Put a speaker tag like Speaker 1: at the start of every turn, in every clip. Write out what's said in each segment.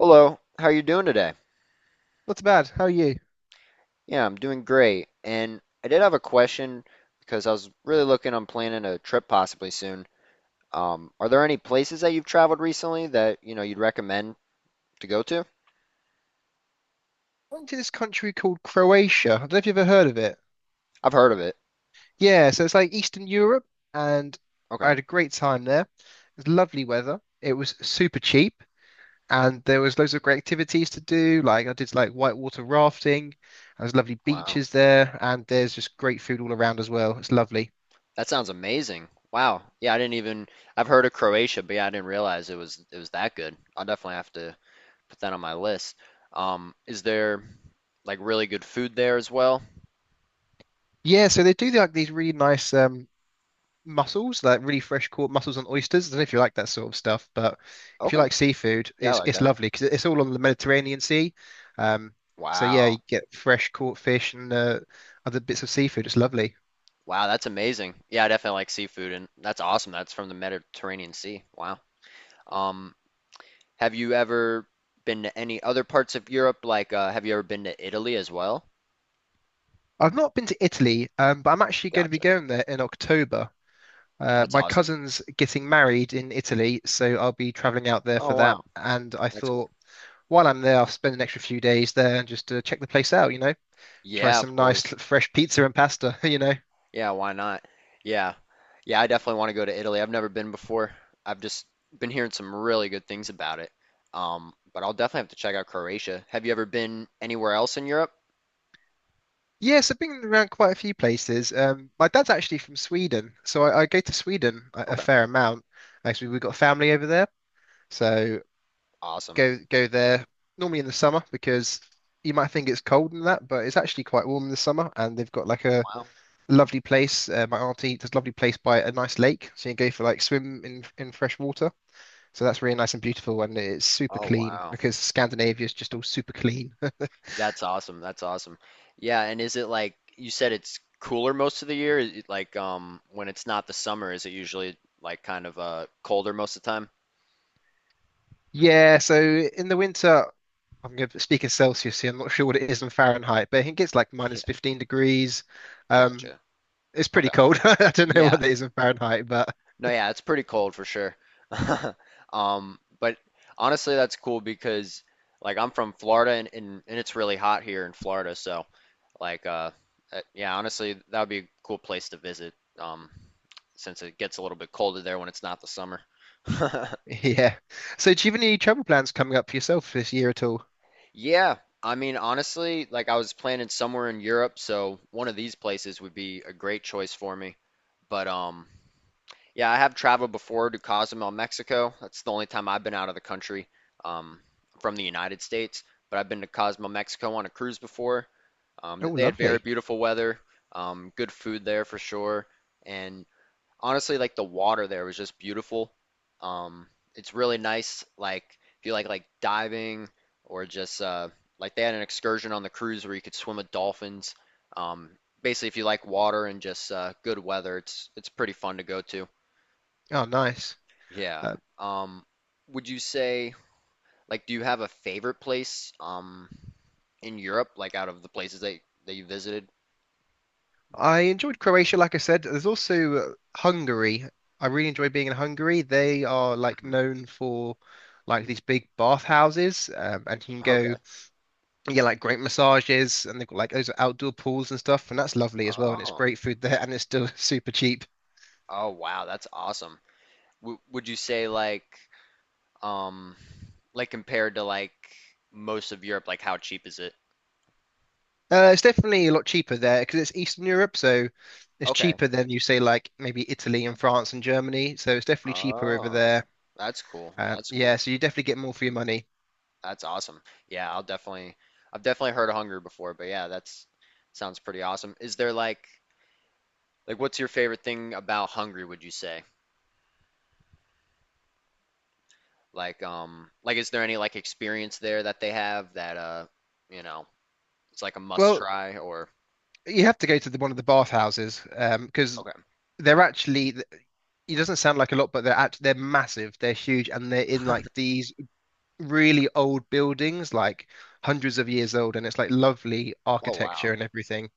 Speaker 1: Hello, how are you doing today?
Speaker 2: Not too bad. How are you?
Speaker 1: Yeah, I'm doing great. And I did have a question because I was really looking on planning a trip possibly soon. Are there any places that you've traveled recently that, you know, you'd recommend to go to?
Speaker 2: I went to this country called Croatia. I don't know if you've ever heard of it.
Speaker 1: I've heard of it.
Speaker 2: Yeah, so it's like Eastern Europe, and I
Speaker 1: Okay.
Speaker 2: had a great time there. It was lovely weather. It was super cheap, and there was loads of great activities to do. Like I did like whitewater rafting. And there's lovely
Speaker 1: Wow.
Speaker 2: beaches there, and there's just great food all around as well. It's lovely.
Speaker 1: That sounds amazing. Wow. Yeah, I didn't even I've heard of Croatia, but yeah, I didn't realize it was that good. I'll definitely have to put that on my list. Is there like really good food there as well?
Speaker 2: Yeah, so they do like these really nice mussels, like really fresh caught mussels and oysters. I don't know if you like that sort of stuff, but if you
Speaker 1: Okay.
Speaker 2: like seafood,
Speaker 1: Yeah, I
Speaker 2: it's
Speaker 1: like
Speaker 2: it's
Speaker 1: that.
Speaker 2: lovely because it's all on the Mediterranean Sea. Um, so yeah, you
Speaker 1: Wow.
Speaker 2: get fresh caught fish and other bits of seafood. It's lovely.
Speaker 1: Wow, that's amazing. Yeah, I definitely like seafood, and that's awesome. That's from the Mediterranean Sea. Wow. Um, have you ever been to any other parts of Europe? Like, have you ever been to Italy as well?
Speaker 2: I've not been to Italy, but I'm actually going to be
Speaker 1: Gotcha.
Speaker 2: going there in October.
Speaker 1: That's
Speaker 2: My
Speaker 1: awesome.
Speaker 2: cousin's getting married in Italy, so I'll be traveling out there
Speaker 1: Oh,
Speaker 2: for that.
Speaker 1: wow.
Speaker 2: And I
Speaker 1: That's cool.
Speaker 2: thought while I'm there, I'll spend an extra few days there and just check the place out, you know, try
Speaker 1: Yeah, of
Speaker 2: some nice
Speaker 1: course.
Speaker 2: fresh pizza and pasta, you know.
Speaker 1: Yeah, why not? Yeah. Yeah, I definitely want to go to Italy. I've never been before. I've just been hearing some really good things about it. But I'll definitely have to check out Croatia. Have you ever been anywhere else in Europe?
Speaker 2: Yes, I've been around quite a few places. My dad's actually from Sweden, so I go to Sweden a
Speaker 1: Okay.
Speaker 2: fair amount. Actually, we've got family over there, so
Speaker 1: Awesome.
Speaker 2: go there normally in the summer because you might think it's cold and that, but it's actually quite warm in the summer. And they've got like a
Speaker 1: Wow.
Speaker 2: lovely place. My auntie does a lovely place by a nice lake, so you can go for like swim in fresh water. So that's really nice and beautiful, and it's super
Speaker 1: Oh,
Speaker 2: clean
Speaker 1: wow.
Speaker 2: because Scandinavia is just all super clean.
Speaker 1: That's awesome. That's awesome. Yeah, and is it like you said it's cooler most of the year? Like when it's not the summer, is it usually like kind of colder most of the time?
Speaker 2: Yeah, so in the winter. I'm going to speak in Celsius here. I'm not sure what it is in Fahrenheit, but I think it's like
Speaker 1: Yeah,
Speaker 2: minus 15 degrees. Um,
Speaker 1: gotcha.
Speaker 2: it's pretty
Speaker 1: Okay.
Speaker 2: cold. I don't know what
Speaker 1: Yeah.
Speaker 2: it is in Fahrenheit, but
Speaker 1: No, yeah, it's pretty cold for sure. But honestly that's cool because like I'm from Florida and it's really hot here in Florida, so like uh yeah, honestly that would be a cool place to visit um since it gets a little bit colder there when it's not the summer.
Speaker 2: yeah. So, do you have any travel plans coming up for yourself this year at all?
Speaker 1: Yeah, I mean, honestly, like I was planning somewhere in Europe, so one of these places would be a great choice for me. But yeah, I have traveled before to Cozumel, Mexico. That's the only time I've been out of the country, um, from the United States. But I've been to Cozumel, Mexico on a cruise before.
Speaker 2: Oh,
Speaker 1: They had very
Speaker 2: lovely.
Speaker 1: beautiful weather, good food there for sure, and honestly like the water there was just beautiful. Um, it's really nice. Like if you like diving or just like they had an excursion on the cruise where you could swim with dolphins. Um, Basically, if you like water and just good weather, it's pretty fun to go to.
Speaker 2: Oh, nice.
Speaker 1: Yeah.
Speaker 2: Uh,
Speaker 1: Um, would you say like do you have a favorite place in Europe like out of the places that you visited?
Speaker 2: I enjoyed Croatia, like I said. There's also Hungary. I really enjoy being in Hungary. They are like
Speaker 1: hmm
Speaker 2: known for like these big bathhouses, and you can go.
Speaker 1: Okay.
Speaker 2: Yeah, like great massages, and they've got like those outdoor pools and stuff, and that's lovely as well. And it's
Speaker 1: Oh.
Speaker 2: great food there, and it's still super cheap.
Speaker 1: Oh wow, that's awesome. W Would you say um like compared to like most of Europe, like how cheap is it?
Speaker 2: It's definitely a lot cheaper there because it's Eastern Europe, so it's
Speaker 1: Okay.
Speaker 2: cheaper than you say like maybe Italy and France and Germany. So it's definitely cheaper over
Speaker 1: Oh,
Speaker 2: there.
Speaker 1: that's cool. That's
Speaker 2: Yeah,
Speaker 1: cool.
Speaker 2: so you definitely get more for your money.
Speaker 1: That's awesome. Yeah, I've definitely heard of Hungary before, but yeah, that's sounds pretty awesome. Is there like what's your favorite thing about Hungary, would you say? Like is there any like experience there that they have that you know, it's like a must
Speaker 2: Well,
Speaker 1: try or
Speaker 2: you have to go to one of the bathhouses because
Speaker 1: okay.
Speaker 2: they're actually, it doesn't sound like a lot, but they're massive, they're huge, and they're in like these really old buildings, like hundreds of years old, and it's like lovely
Speaker 1: Oh
Speaker 2: architecture
Speaker 1: wow.
Speaker 2: and everything.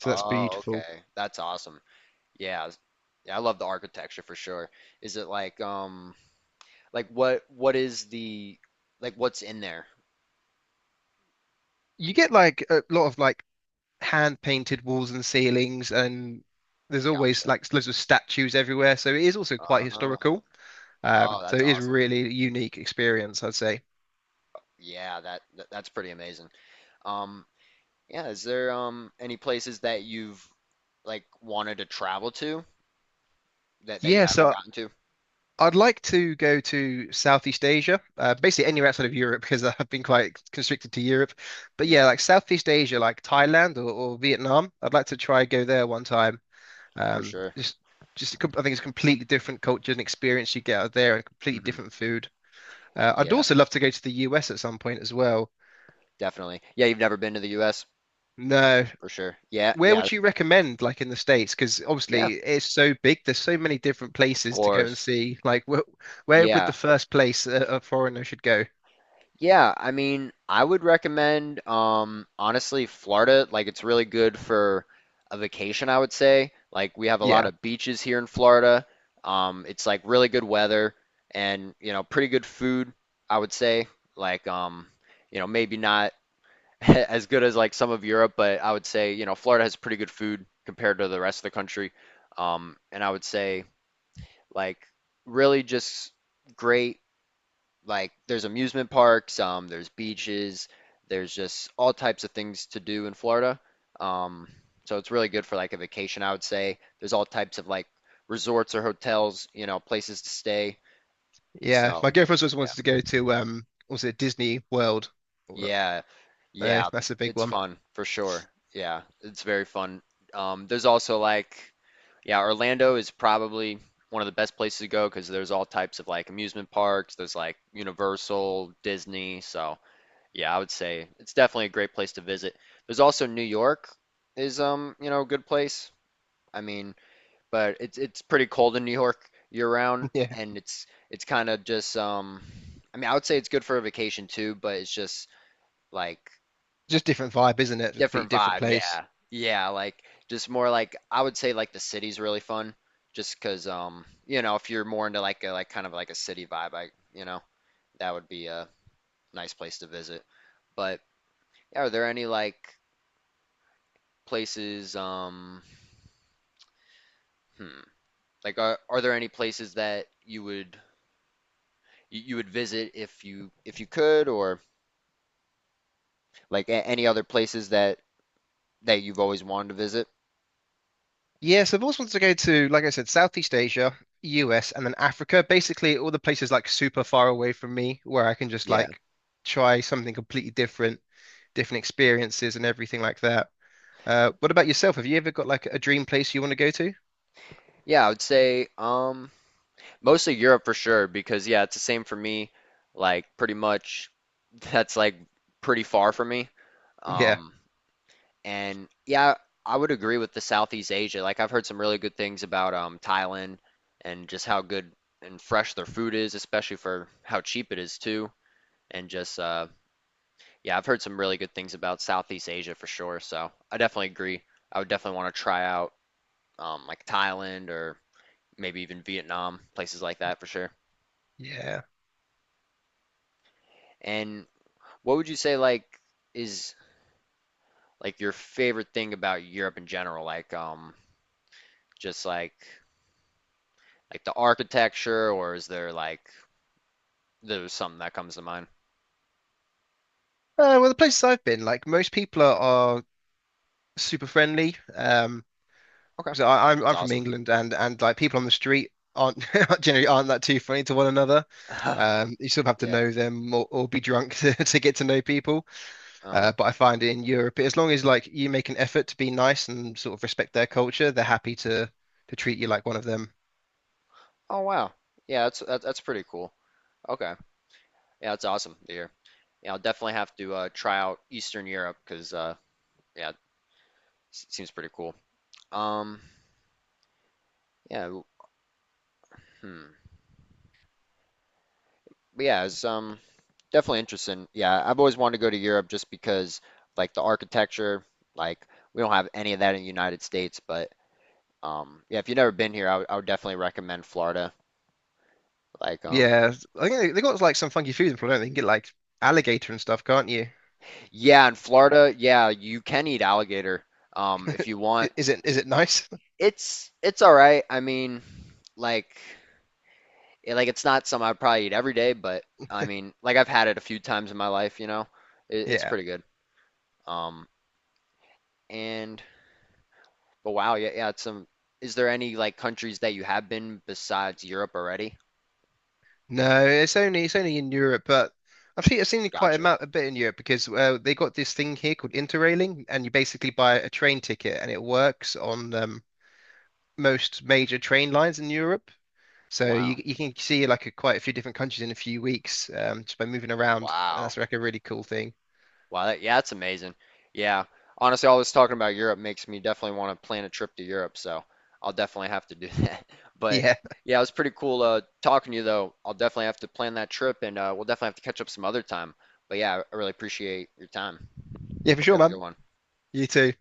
Speaker 2: So that's
Speaker 1: Oh,
Speaker 2: beautiful.
Speaker 1: okay. That's awesome. Yeah. Yeah, I love the architecture for sure. Is it like what is the like what's in there?
Speaker 2: You get like a lot of like hand painted walls and ceilings, and there's always
Speaker 1: Gotcha.
Speaker 2: like loads of statues everywhere. So it is also quite
Speaker 1: Oh,
Speaker 2: historical.
Speaker 1: oh,
Speaker 2: So
Speaker 1: that's
Speaker 2: it is
Speaker 1: awesome.
Speaker 2: really a unique experience, I'd say.
Speaker 1: Yeah, that's pretty amazing. Um, yeah, is there any places that you've like wanted to travel to that you
Speaker 2: Yeah,
Speaker 1: haven't
Speaker 2: so
Speaker 1: gotten to?
Speaker 2: I'd like to go to Southeast Asia, basically anywhere outside of Europe because I've been quite constricted to Europe. But
Speaker 1: Yeah,
Speaker 2: yeah, like Southeast Asia, like Thailand or Vietnam, I'd like to try go there one time.
Speaker 1: for
Speaker 2: Um,
Speaker 1: sure.
Speaker 2: just, just I think it's a completely different culture and experience you get out there, and completely
Speaker 1: hmm
Speaker 2: different food. I'd
Speaker 1: Yeah,
Speaker 2: also love to go to the US at some point as well.
Speaker 1: definitely. Yeah, you've never been to the US?
Speaker 2: No,
Speaker 1: For sure.
Speaker 2: where
Speaker 1: Yeah,
Speaker 2: would you recommend, like in the States? Because
Speaker 1: yeah,
Speaker 2: obviously it's so big. There's so many different
Speaker 1: of
Speaker 2: places to go and
Speaker 1: course.
Speaker 2: see. Like, wh where would
Speaker 1: Yeah.
Speaker 2: the first place a foreigner should go?
Speaker 1: Yeah, I mean, I would recommend, honestly, Florida. Like, it's really good for a vacation, I would say. Like, we have a lot
Speaker 2: Yeah.
Speaker 1: of beaches here in Florida. It's like really good weather and, you know, pretty good food, I would say. Like, you know, maybe not as good as like some of Europe, but I would say, you know, Florida has pretty good food compared to the rest of the country. And I would say, like, really just great like there's amusement parks, there's beaches, there's just all types of things to do in Florida. Um, so it's really good for like a vacation, I would say. There's all types of like resorts or hotels, you know, places to stay.
Speaker 2: Yeah,
Speaker 1: So
Speaker 2: my girlfriend also
Speaker 1: yeah,
Speaker 2: wants to go to also Disney World?
Speaker 1: yeah,
Speaker 2: Uh,
Speaker 1: yeah,
Speaker 2: that's a big
Speaker 1: it's
Speaker 2: one.
Speaker 1: fun for sure. Yeah, it's very fun. There's also like, yeah, Orlando is probably one of the best places to go because there's all types of like amusement parks, there's like Universal, Disney, so. Yeah, I would say it's definitely a great place to visit. There's also New York is you know, a good place. I mean, but it's pretty cold in New York year round
Speaker 2: Yeah,
Speaker 1: and it's kind of just I mean, I would say it's good for a vacation too, but it's just like
Speaker 2: just different vibe, isn't it? Just completely
Speaker 1: different
Speaker 2: different
Speaker 1: vibe.
Speaker 2: place.
Speaker 1: Yeah. Yeah, like just more like I would say like the city's really fun just 'cause you know, if you're more into like a kind of like a city vibe, I, you know, that would be a nice place to visit. But yeah, are there any like places hmm, like are there any places that you would visit if you could or like any other places that you've always wanted to visit?
Speaker 2: Yes, I've always wanted to go to, like I said, Southeast Asia, US, and then Africa. Basically, all the places like super far away from me, where I can just
Speaker 1: Yeah.
Speaker 2: like try something completely different, different experiences and everything like that. What about yourself? Have you ever got like a dream place you want to go to?
Speaker 1: Yeah, I would say mostly Europe for sure because yeah, it's the same for me. Like pretty much that's like pretty far from me.
Speaker 2: Yeah,
Speaker 1: Um And yeah, I would agree with the Southeast Asia. Like I've heard some really good things about Thailand and just how good and fresh their food is, especially for how cheap it is too. And just yeah, I've heard some really good things about Southeast Asia for sure. So I definitely agree. I would definitely want to try out like Thailand or maybe even Vietnam, places like that for sure.
Speaker 2: yeah.
Speaker 1: And what would you say like is like your favorite thing about Europe in general? Like just like the architecture, or is there like there's something that comes to mind?
Speaker 2: Well, the places I've been, like most people are super friendly.
Speaker 1: Okay,
Speaker 2: So I, I'm
Speaker 1: that's
Speaker 2: I'm from
Speaker 1: awesome.
Speaker 2: England, and like people on the street aren't generally aren't that too funny to one another. You sort of have to
Speaker 1: Yeah.
Speaker 2: know them or be drunk to get to know people.
Speaker 1: Uh-huh.
Speaker 2: But I find in Europe, as long as like you make an effort to be nice and sort of respect their culture, they're happy to treat you like one of them.
Speaker 1: Oh wow. Yeah, that's pretty cool. Okay. Yeah, that's awesome to hear. Yeah, I'll definitely have to try out Eastern Europe because yeah, it seems pretty cool. Um, yeah. w- Hmm. But yeah, it's definitely interesting. Yeah, I've always wanted to go to Europe just because like the architecture, like we don't have any of that in the United States. But yeah, if you've never been here, I would definitely recommend Florida. Like,
Speaker 2: Yeah, I think they got like some funky food in Florida. They you can get like alligator and stuff, can't you?
Speaker 1: yeah, in Florida, yeah, you can eat alligator, if you want.
Speaker 2: Is it nice?
Speaker 1: It's all right. I mean, like, like it's not something I'd probably eat every day, but I mean, like I've had it a few times in my life, you know. It's
Speaker 2: Yeah.
Speaker 1: pretty good. Um, and but wow, yeah, yeah, it's some. Is there any like countries that you have been besides Europe already?
Speaker 2: No, it's only in Europe, but I've seen it quite
Speaker 1: Gotcha.
Speaker 2: a bit in Europe because they got this thing here called Interrailing, and you basically buy a train ticket, and it works on most major train lines in Europe. So
Speaker 1: Wow.
Speaker 2: you can see like quite a few different countries in a few weeks just by moving around, and
Speaker 1: Wow.
Speaker 2: that's like a really cool thing.
Speaker 1: Wow, yeah, that's amazing. Yeah. Honestly, all this talking about Europe makes me definitely want to plan a trip to Europe, so I'll definitely have to do that. But
Speaker 2: Yeah,
Speaker 1: yeah, it was pretty cool talking to you, though. I'll definitely have to plan that trip, and we'll definitely have to catch up some other time. But yeah, I really appreciate your time.
Speaker 2: yeah, for
Speaker 1: Hope you
Speaker 2: sure,
Speaker 1: have a good
Speaker 2: man.
Speaker 1: one.
Speaker 2: You too.